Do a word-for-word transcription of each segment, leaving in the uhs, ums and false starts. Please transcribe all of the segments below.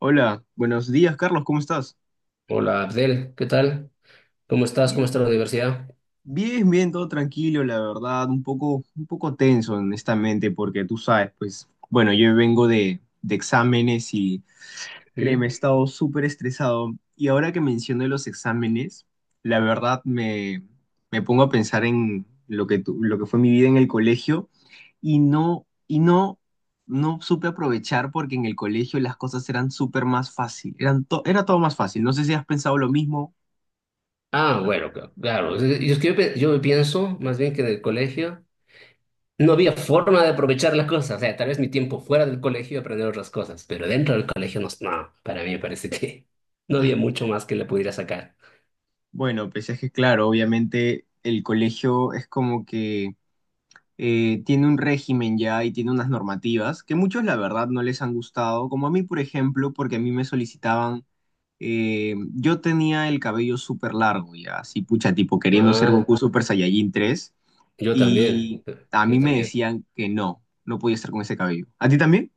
Hola, buenos días, Carlos, ¿cómo estás? Hola Abdel, ¿qué tal? ¿Cómo estás? ¿Cómo Bien. está la universidad? Bien, bien, todo tranquilo, la verdad, un poco, un poco tenso, honestamente, porque tú sabes, pues, bueno, yo vengo de, de exámenes y créeme, he ¿Mm? estado súper estresado. Y ahora que menciono los exámenes, la verdad me, me pongo a pensar en lo que, tu- lo que fue mi vida en el colegio y no, y no, no supe aprovechar porque en el colegio las cosas eran súper más fácil, eran to- era todo más fácil. No sé si has pensado lo mismo. Ah, bueno, cl- claro. Yo, es que yo, pe- Yo pienso más bien que en el colegio no había forma de aprovechar las cosas. O sea, tal vez mi tiempo fuera del colegio aprender otras cosas, pero dentro del colegio no, no, para mí me parece que no había mucho más que le pudiera sacar. Bueno, pues es que claro, obviamente el colegio es como que eh, tiene un régimen ya y tiene unas normativas que muchos la verdad no les han gustado, como a mí por ejemplo, porque a mí me solicitaban, eh, yo tenía el cabello súper largo ya, así pucha, tipo queriendo ser Ah, Goku Super Saiyajin tres yo también, y a yo mí me también. decían que no, no podía estar con ese cabello. ¿A ti también?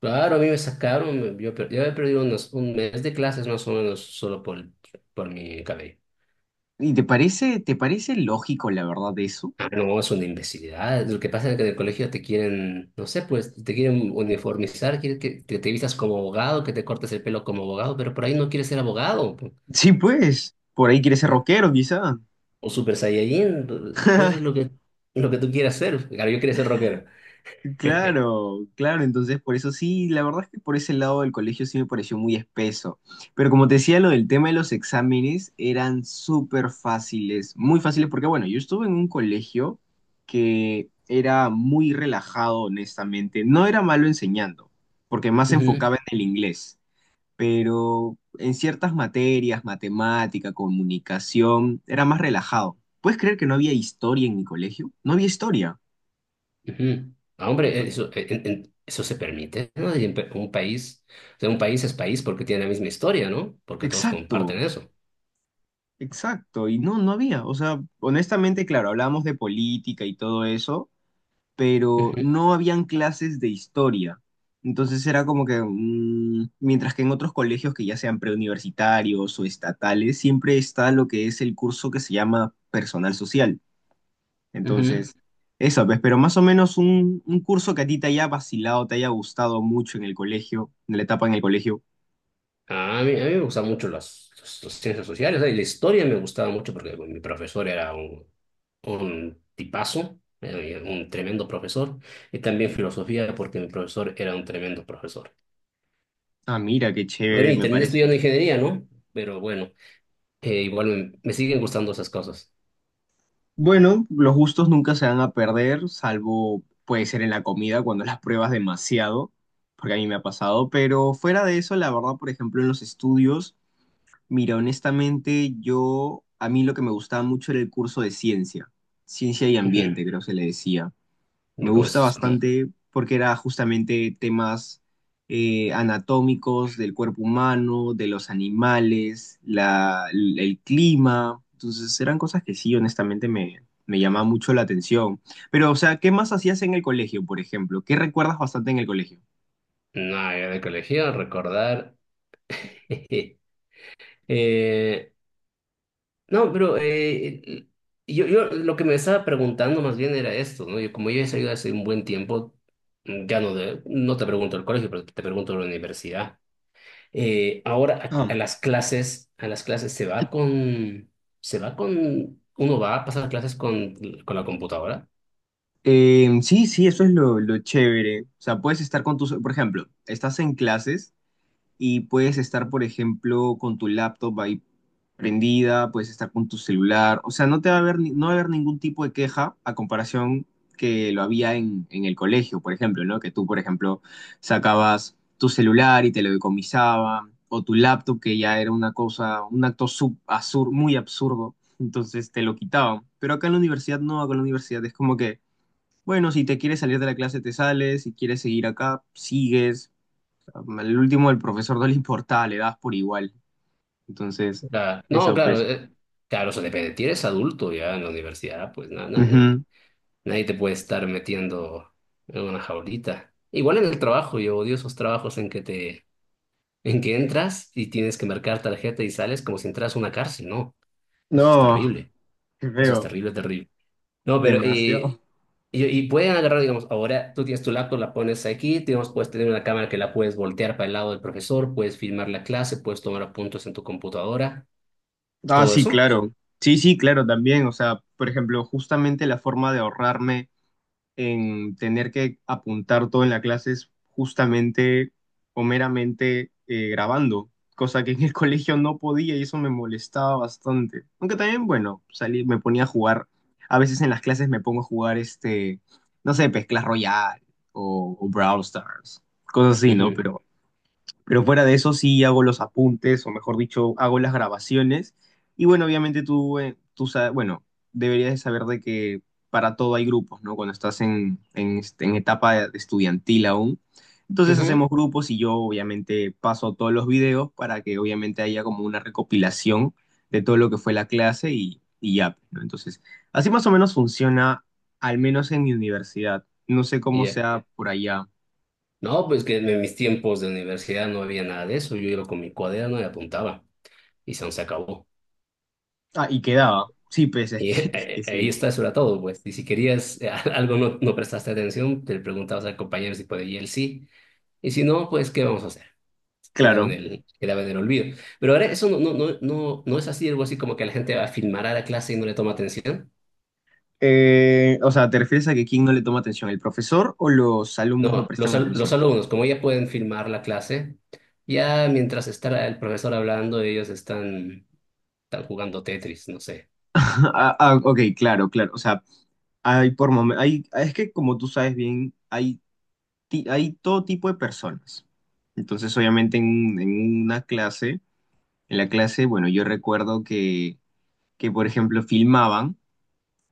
Claro, a mí me sacaron, yo, per- yo he perdido unos, un mes de clases más o menos solo por, por mi cabello. ¿Y te parece, te parece lógico la verdad eso? Ah, no, es una imbecilidad. Lo que pasa es que en el colegio te quieren, no sé, pues te quieren uniformizar, quieren que que te, vistas como abogado, que te cortes el pelo como abogado, pero por ahí no quieres ser abogado po. Sí, pues, por ahí quieres ser rockero quizá. O super saiyajin, pues es lo que, lo que tú quieras ser. Claro, yo quería ser rockero. Claro, claro, entonces por eso sí, la verdad es que por ese lado del colegio sí me pareció muy espeso. Pero como te decía, lo del tema de los exámenes eran súper fáciles, muy fáciles, porque bueno, yo estuve en un colegio que era muy relajado, honestamente. No era malo enseñando, porque más se Ujú, enfocaba en el inglés, pero en ciertas materias, matemática, comunicación, era más relajado. ¿Puedes creer que no había historia en mi colegio? No había historia. ujú. Ah, hombre, Entonces, eso, en- en- eso se permite, ¿no? Y en pe- un país, o sea, un país es país porque tiene la misma historia, ¿no? Porque todos comparten exacto. eso. Exacto, y no, no había, o sea, honestamente, claro, hablábamos de política y todo eso, pero Ujú, no habían clases de historia. Entonces era como que, mm, mientras que en otros colegios que ya sean preuniversitarios o estatales, siempre está lo que es el curso que se llama personal social. ujú. Entonces, eso, pues, pero más o menos un, un curso que a ti te haya vacilado, te haya gustado mucho en el colegio, en la etapa en el colegio. A mí, a mí me gustan mucho las, las- las ciencias sociales, ¿eh? Y la historia me gustaba mucho porque bueno, mi profesor era un, un tipazo, eh, un tremendo profesor, y también filosofía porque mi profesor era un tremendo profesor. Ah, mira, qué Bueno, chévere, y me terminé parece. estudiando ingeniería, ¿no? Pero bueno, eh, igual me, me siguen gustando esas cosas. Bueno, los gustos nunca se van a perder, salvo puede ser en la comida cuando las pruebas demasiado, porque a mí me ha pasado, pero fuera de eso, la verdad, por ejemplo, en los estudios, mira, honestamente, yo, a mí lo que me gustaba mucho era el curso de ciencia, ciencia y ambiente, Ujú. creo que se le decía. Me De gusta cosas como, bastante porque era justamente temas eh, anatómicos del cuerpo humano, de los animales, la, el, el clima. Entonces eran cosas que sí, honestamente me, me llamaba mucho la atención. Pero, o sea, ¿qué más hacías en el colegio, por ejemplo? ¿Qué recuerdas bastante en el colegio? nada, de colegio, recordar. Eh, No, pero eh, eh, yo, yo lo que me estaba preguntando más bien era esto, ¿no? Yo, como yo he salido hace un buen tiempo, mm, ya no, de- no te pregunto el colegio, pero te pregunto la universidad. Eh, ahora a, Ah. a las clases, a las clases se va con, se va con, uno va a pasar clases con, con la computadora. Eh, sí, sí, eso es lo, lo chévere. O sea, puedes estar con tus, por ejemplo, estás en clases y puedes estar, por ejemplo, con tu laptop ahí prendida, puedes estar con tu celular, o sea, no te va a haber, ni- no va a haber ningún tipo de queja a comparación que lo había en, en el colegio, por ejemplo, ¿no? Que tú, por ejemplo, sacabas tu celular y te lo decomisaban, o tu laptop, que ya era una cosa, un acto sub- absur- muy absurdo, entonces te lo quitaban. Pero acá en la universidad no, acá en la universidad es como que, bueno, si te quieres salir de la clase, te sales, si quieres seguir acá, sigues. Al último, el profesor no le importa, le das por igual. Entonces, O sea, no, eso claro, pues. eh, claro, eso depende. Si eres adulto ya en la universidad, pues na- na- no, Ujú. nadie te puede estar metiendo en una jaulita. Igual en el trabajo, yo odio esos trabajos en que te en que entras y tienes que marcar tarjeta y sales como si entras a una cárcel. No, eso es No, terrible. qué Eso es feo, terrible, terrible. No, pero eh, demasiado. y, y pueden agarrar, digamos, ahora tú tienes tu laptop, la pones aquí, digamos, puedes tener una cámara que la puedes voltear para el lado del profesor, puedes filmar la clase, puedes tomar apuntes en tu computadora, Ah, todo sí, eso. claro. Sí, sí, claro, también. O sea, por ejemplo, justamente la forma de ahorrarme en tener que apuntar todo en la clase es justamente o meramente eh, grabando, cosa que en el colegio no podía y eso me molestaba bastante. Aunque también, bueno, salí, me ponía a jugar. A veces en las clases me pongo a jugar este, no sé, pues Clash Royale o, o Brawl Stars, cosas así, ¿no? Ujú, pero Pero fuera de eso sí hago los apuntes, o mejor dicho, hago las grabaciones. Y bueno, obviamente tú, eh, tú sabes, bueno, deberías de saber de que para todo hay grupos, ¿no? Cuando estás en, en, este- en etapa estudiantil aún. Entonces ujú, hacemos grupos y yo obviamente paso todos los videos para que obviamente haya como una recopilación de todo lo que fue la clase y, y ya, ¿no? Entonces, así más o menos funciona, al menos en mi universidad. No sé y cómo ya. sea por allá. No, pues que en mis tiempos de universidad no había nada de eso. Yo iba con mi cuaderno y apuntaba y se se acabó. Ah, y quedaba. Sí, pues es Y que, es que eh, ahí sí. está, eso era todo, pues. Y si querías eh, algo, no, no prestaste atención, te preguntabas al compañero si podía y él sí. Y si no, pues, ¿qué vamos a hacer? Quedaba en Claro. El, quedaba en el olvido. Pero ahora eso no, no, no, no, no es así, algo así como que la gente va a filmar a la clase y no le toma atención. Eh, o sea, ¿te refieres a que quién no le toma atención? ¿El profesor o los alumnos no No, prestan los, al- los atención? alumnos, como ya pueden filmar la clase, ya mientras está el profesor hablando, ellos están, están jugando Tetris, no sé. Ah, ah, ok, claro, claro. O sea, hay por momen- hay, es que como tú sabes bien, hay, ti- hay todo tipo de personas. Entonces, obviamente, en, en una clase, en la clase, bueno, yo recuerdo que, que por ejemplo, filmaban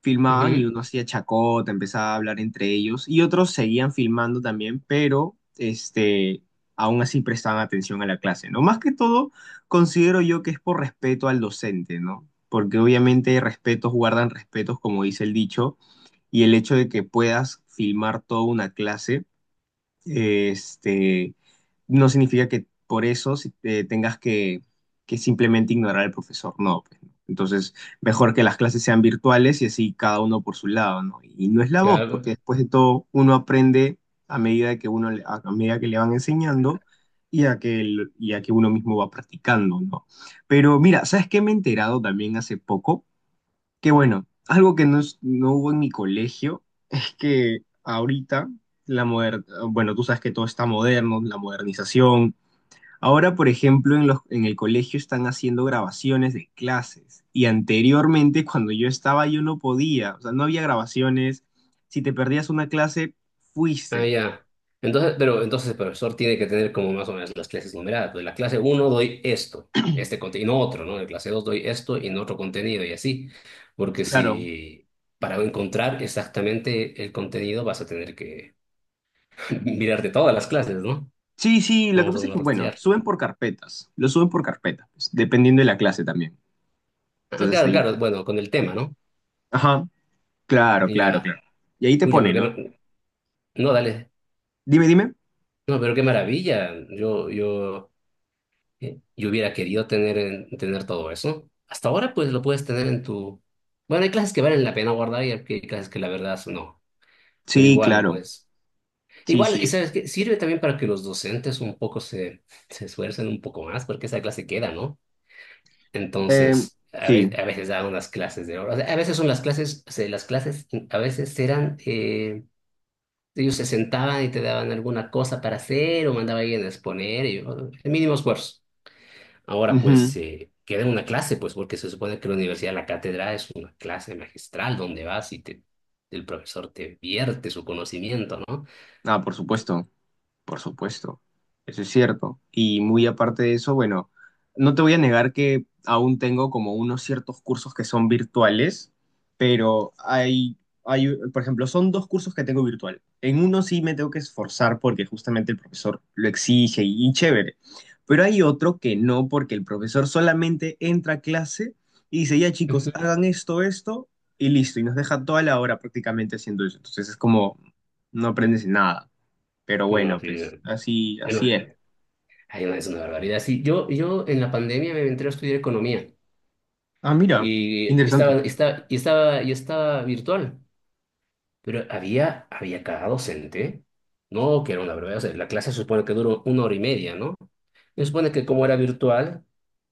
filmaban y Ujú. uno hacía chacota, empezaba a hablar entre ellos y otros seguían filmando también, pero este, aún así prestaban atención a la clase, ¿no? Más que todo, considero yo que es por respeto al docente, ¿no? Porque obviamente respetos guardan respetos, como dice el dicho, y el hecho de que puedas filmar toda una clase este, no significa que por eso si- eh, tengas que, que simplemente ignorar al profesor, no, pues, ¿no? Entonces, mejor que las clases sean virtuales y así cada uno por su lado, ¿no? Y no es la voz, Ya, porque después de todo uno aprende a medida que uno le- a a medida que le van enseñando y a que el- y a que uno mismo va practicando, ¿no? Pero mira, ¿sabes qué me he enterado también hace poco? Qué bueno. Algo que no, es- no hubo en mi colegio es que ahorita la moder- bueno, tú sabes que todo está moderno, la modernización. Ahora, por ejemplo, en los, en el colegio están haciendo grabaciones de clases y anteriormente cuando yo estaba yo no podía, o sea, no había grabaciones. Si te perdías una clase, ah, fuiste. ya. Entonces, pero entonces el profesor tiene que tener como más o menos las clases numeradas. Pues en la clase uno doy esto, este contenido, no otro, ¿no? En la clase dos doy esto y no otro contenido y así. Porque Claro. si para encontrar exactamente el contenido vas a tener que mirarte todas las clases, ¿no? Sí, sí, lo que Vamos a pasa es no que, bueno, rastrear. suben por carpetas, lo suben por carpetas, pues, dependiendo de la clase también. Ah, ah, Entonces claro, ahí. claro, bueno, con el tema, ¿no? Ajá, claro, claro, Ya. claro. Y ahí te Tuyo, pero ponen, qué... ¿no? ma- no, dale. Dime, dime. No, pero qué maravilla. Yo, yo... Eh, Yo hubiera querido tener, en- tener todo eso. Hasta ahora, pues lo puedes tener en tu. Bueno, hay clases que valen la pena guardar y hay que- clases que la verdad no. Pero Sí, igual, claro. pues. Sí, Igual, sí. y sabes es- qué, sirve también para que los docentes un poco se, se esfuercen un poco más, porque esa clase queda, ¿no? eh, Entonces, a sí. veces, a veces dan unas clases de horas. A veces son las clases, o sea, las clases a veces eran. Eh, ellos se sentaban y te daban alguna cosa para hacer o mandaba a alguien a exponer, y, el mínimo esfuerzo. Ahora Ujú. pues eh, queda una clase, pues porque se supone que la universidad, la cátedra es una clase magistral donde vas y te, el profesor te vierte su conocimiento, ¿no? Ah, por supuesto. Por supuesto, eso es cierto. Y muy aparte de eso, bueno, no te voy a negar que aún tengo como unos ciertos cursos que son virtuales, pero hay, hay, por ejemplo, son dos cursos que tengo virtual. En uno sí me tengo que esforzar porque justamente el profesor lo exige y, y chévere, pero hay otro que no porque el profesor solamente entra a clase y dice, ya chicos, Ujú. hagan esto, esto, y listo, y nos deja toda la hora prácticamente haciendo eso. Entonces es como, no aprendes nada. Pero No, bueno, sí, pues así, yo no- así es. ay, no, es una barbaridad. Sí, yo, yo en la pandemia me entré a estudiar economía Ah, mira, y interesante. estaba, estaba, y estaba, y estaba virtual. Pero había, había cada docente, no, que era una verdad, o sea, la clase se supone que duró una hora y media, ¿no? Se supone que como era virtual,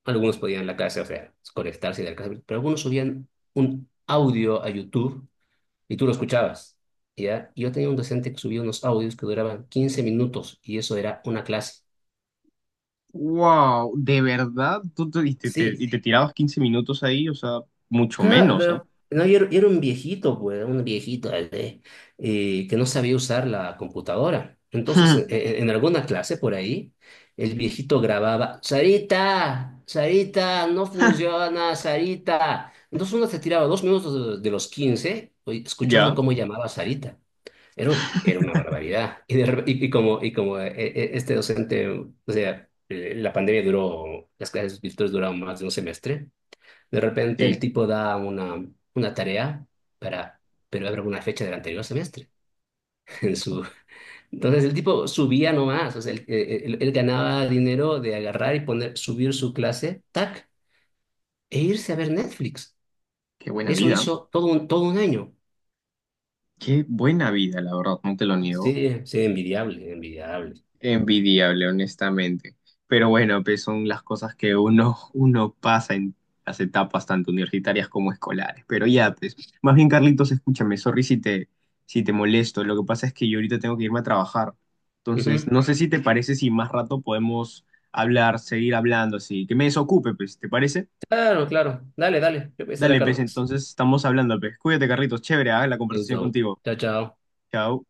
algunos podían en la clase, o sea, conectarse de la clase, pero algunos subían un audio a YouTube y tú lo escuchabas, ¿ya? Y yo tenía un docente que subía unos audios que duraban quince minutos y eso era una clase. Wow, ¿de verdad? ¿Tú te, y te, te- Sí, y te tirabas quince minutos ahí? O sea, mucho claro, menos, ¿ah? pero no, yo, era yo era un viejito, pues, un viejito eh, eh, que no sabía usar la computadora. Entonces, e- e- en, alguna clase por ahí, el viejito grababa, Sarita, Sarita, no funciona, Sarita. Entonces uno se tiraba dos minutos de, de los quince oy- escuchando ¿Ya? cómo llamaba a Sarita. Era una, era una barbaridad. Y, de rep- y- y como, y como eh, eh, este docente, o sea, eh, la pandemia duró, las clases virtuales duraron más de un semestre. De repente el Sí, tipo da una, una tarea para, pero habrá una fecha del anterior semestre. En su, entonces el tipo subía nomás, o sea, él, eh, él- él ganaba dinero de agarrar y poner, subir su clase, tac, e irse a ver Netflix. qué buena Eso vida. hizo todo un, todo un año. Qué buena vida, la verdad, no te lo niego. Sí, sí, envidiable, envidiable. Envidiable, honestamente. Pero bueno, pues son las cosas que uno, uno pasa en las etapas tanto universitarias como escolares. Pero ya, pues, más bien, Carlitos, escúchame, sorry si te, si te, molesto. Lo que pasa es que yo ahorita tengo que irme a trabajar. Entonces, Ujú. no sé si te parece si más rato podemos hablar, seguir hablando, así. Que me desocupe, pues, ¿te parece? Claro, claro. Dale, dale. Yo voy a estar Dale, acá pues, nomás. entonces estamos hablando, pues. Cuídate, Carlitos, chévere, ¿ah? La conversación Listo. contigo. Chao, chao. Chao.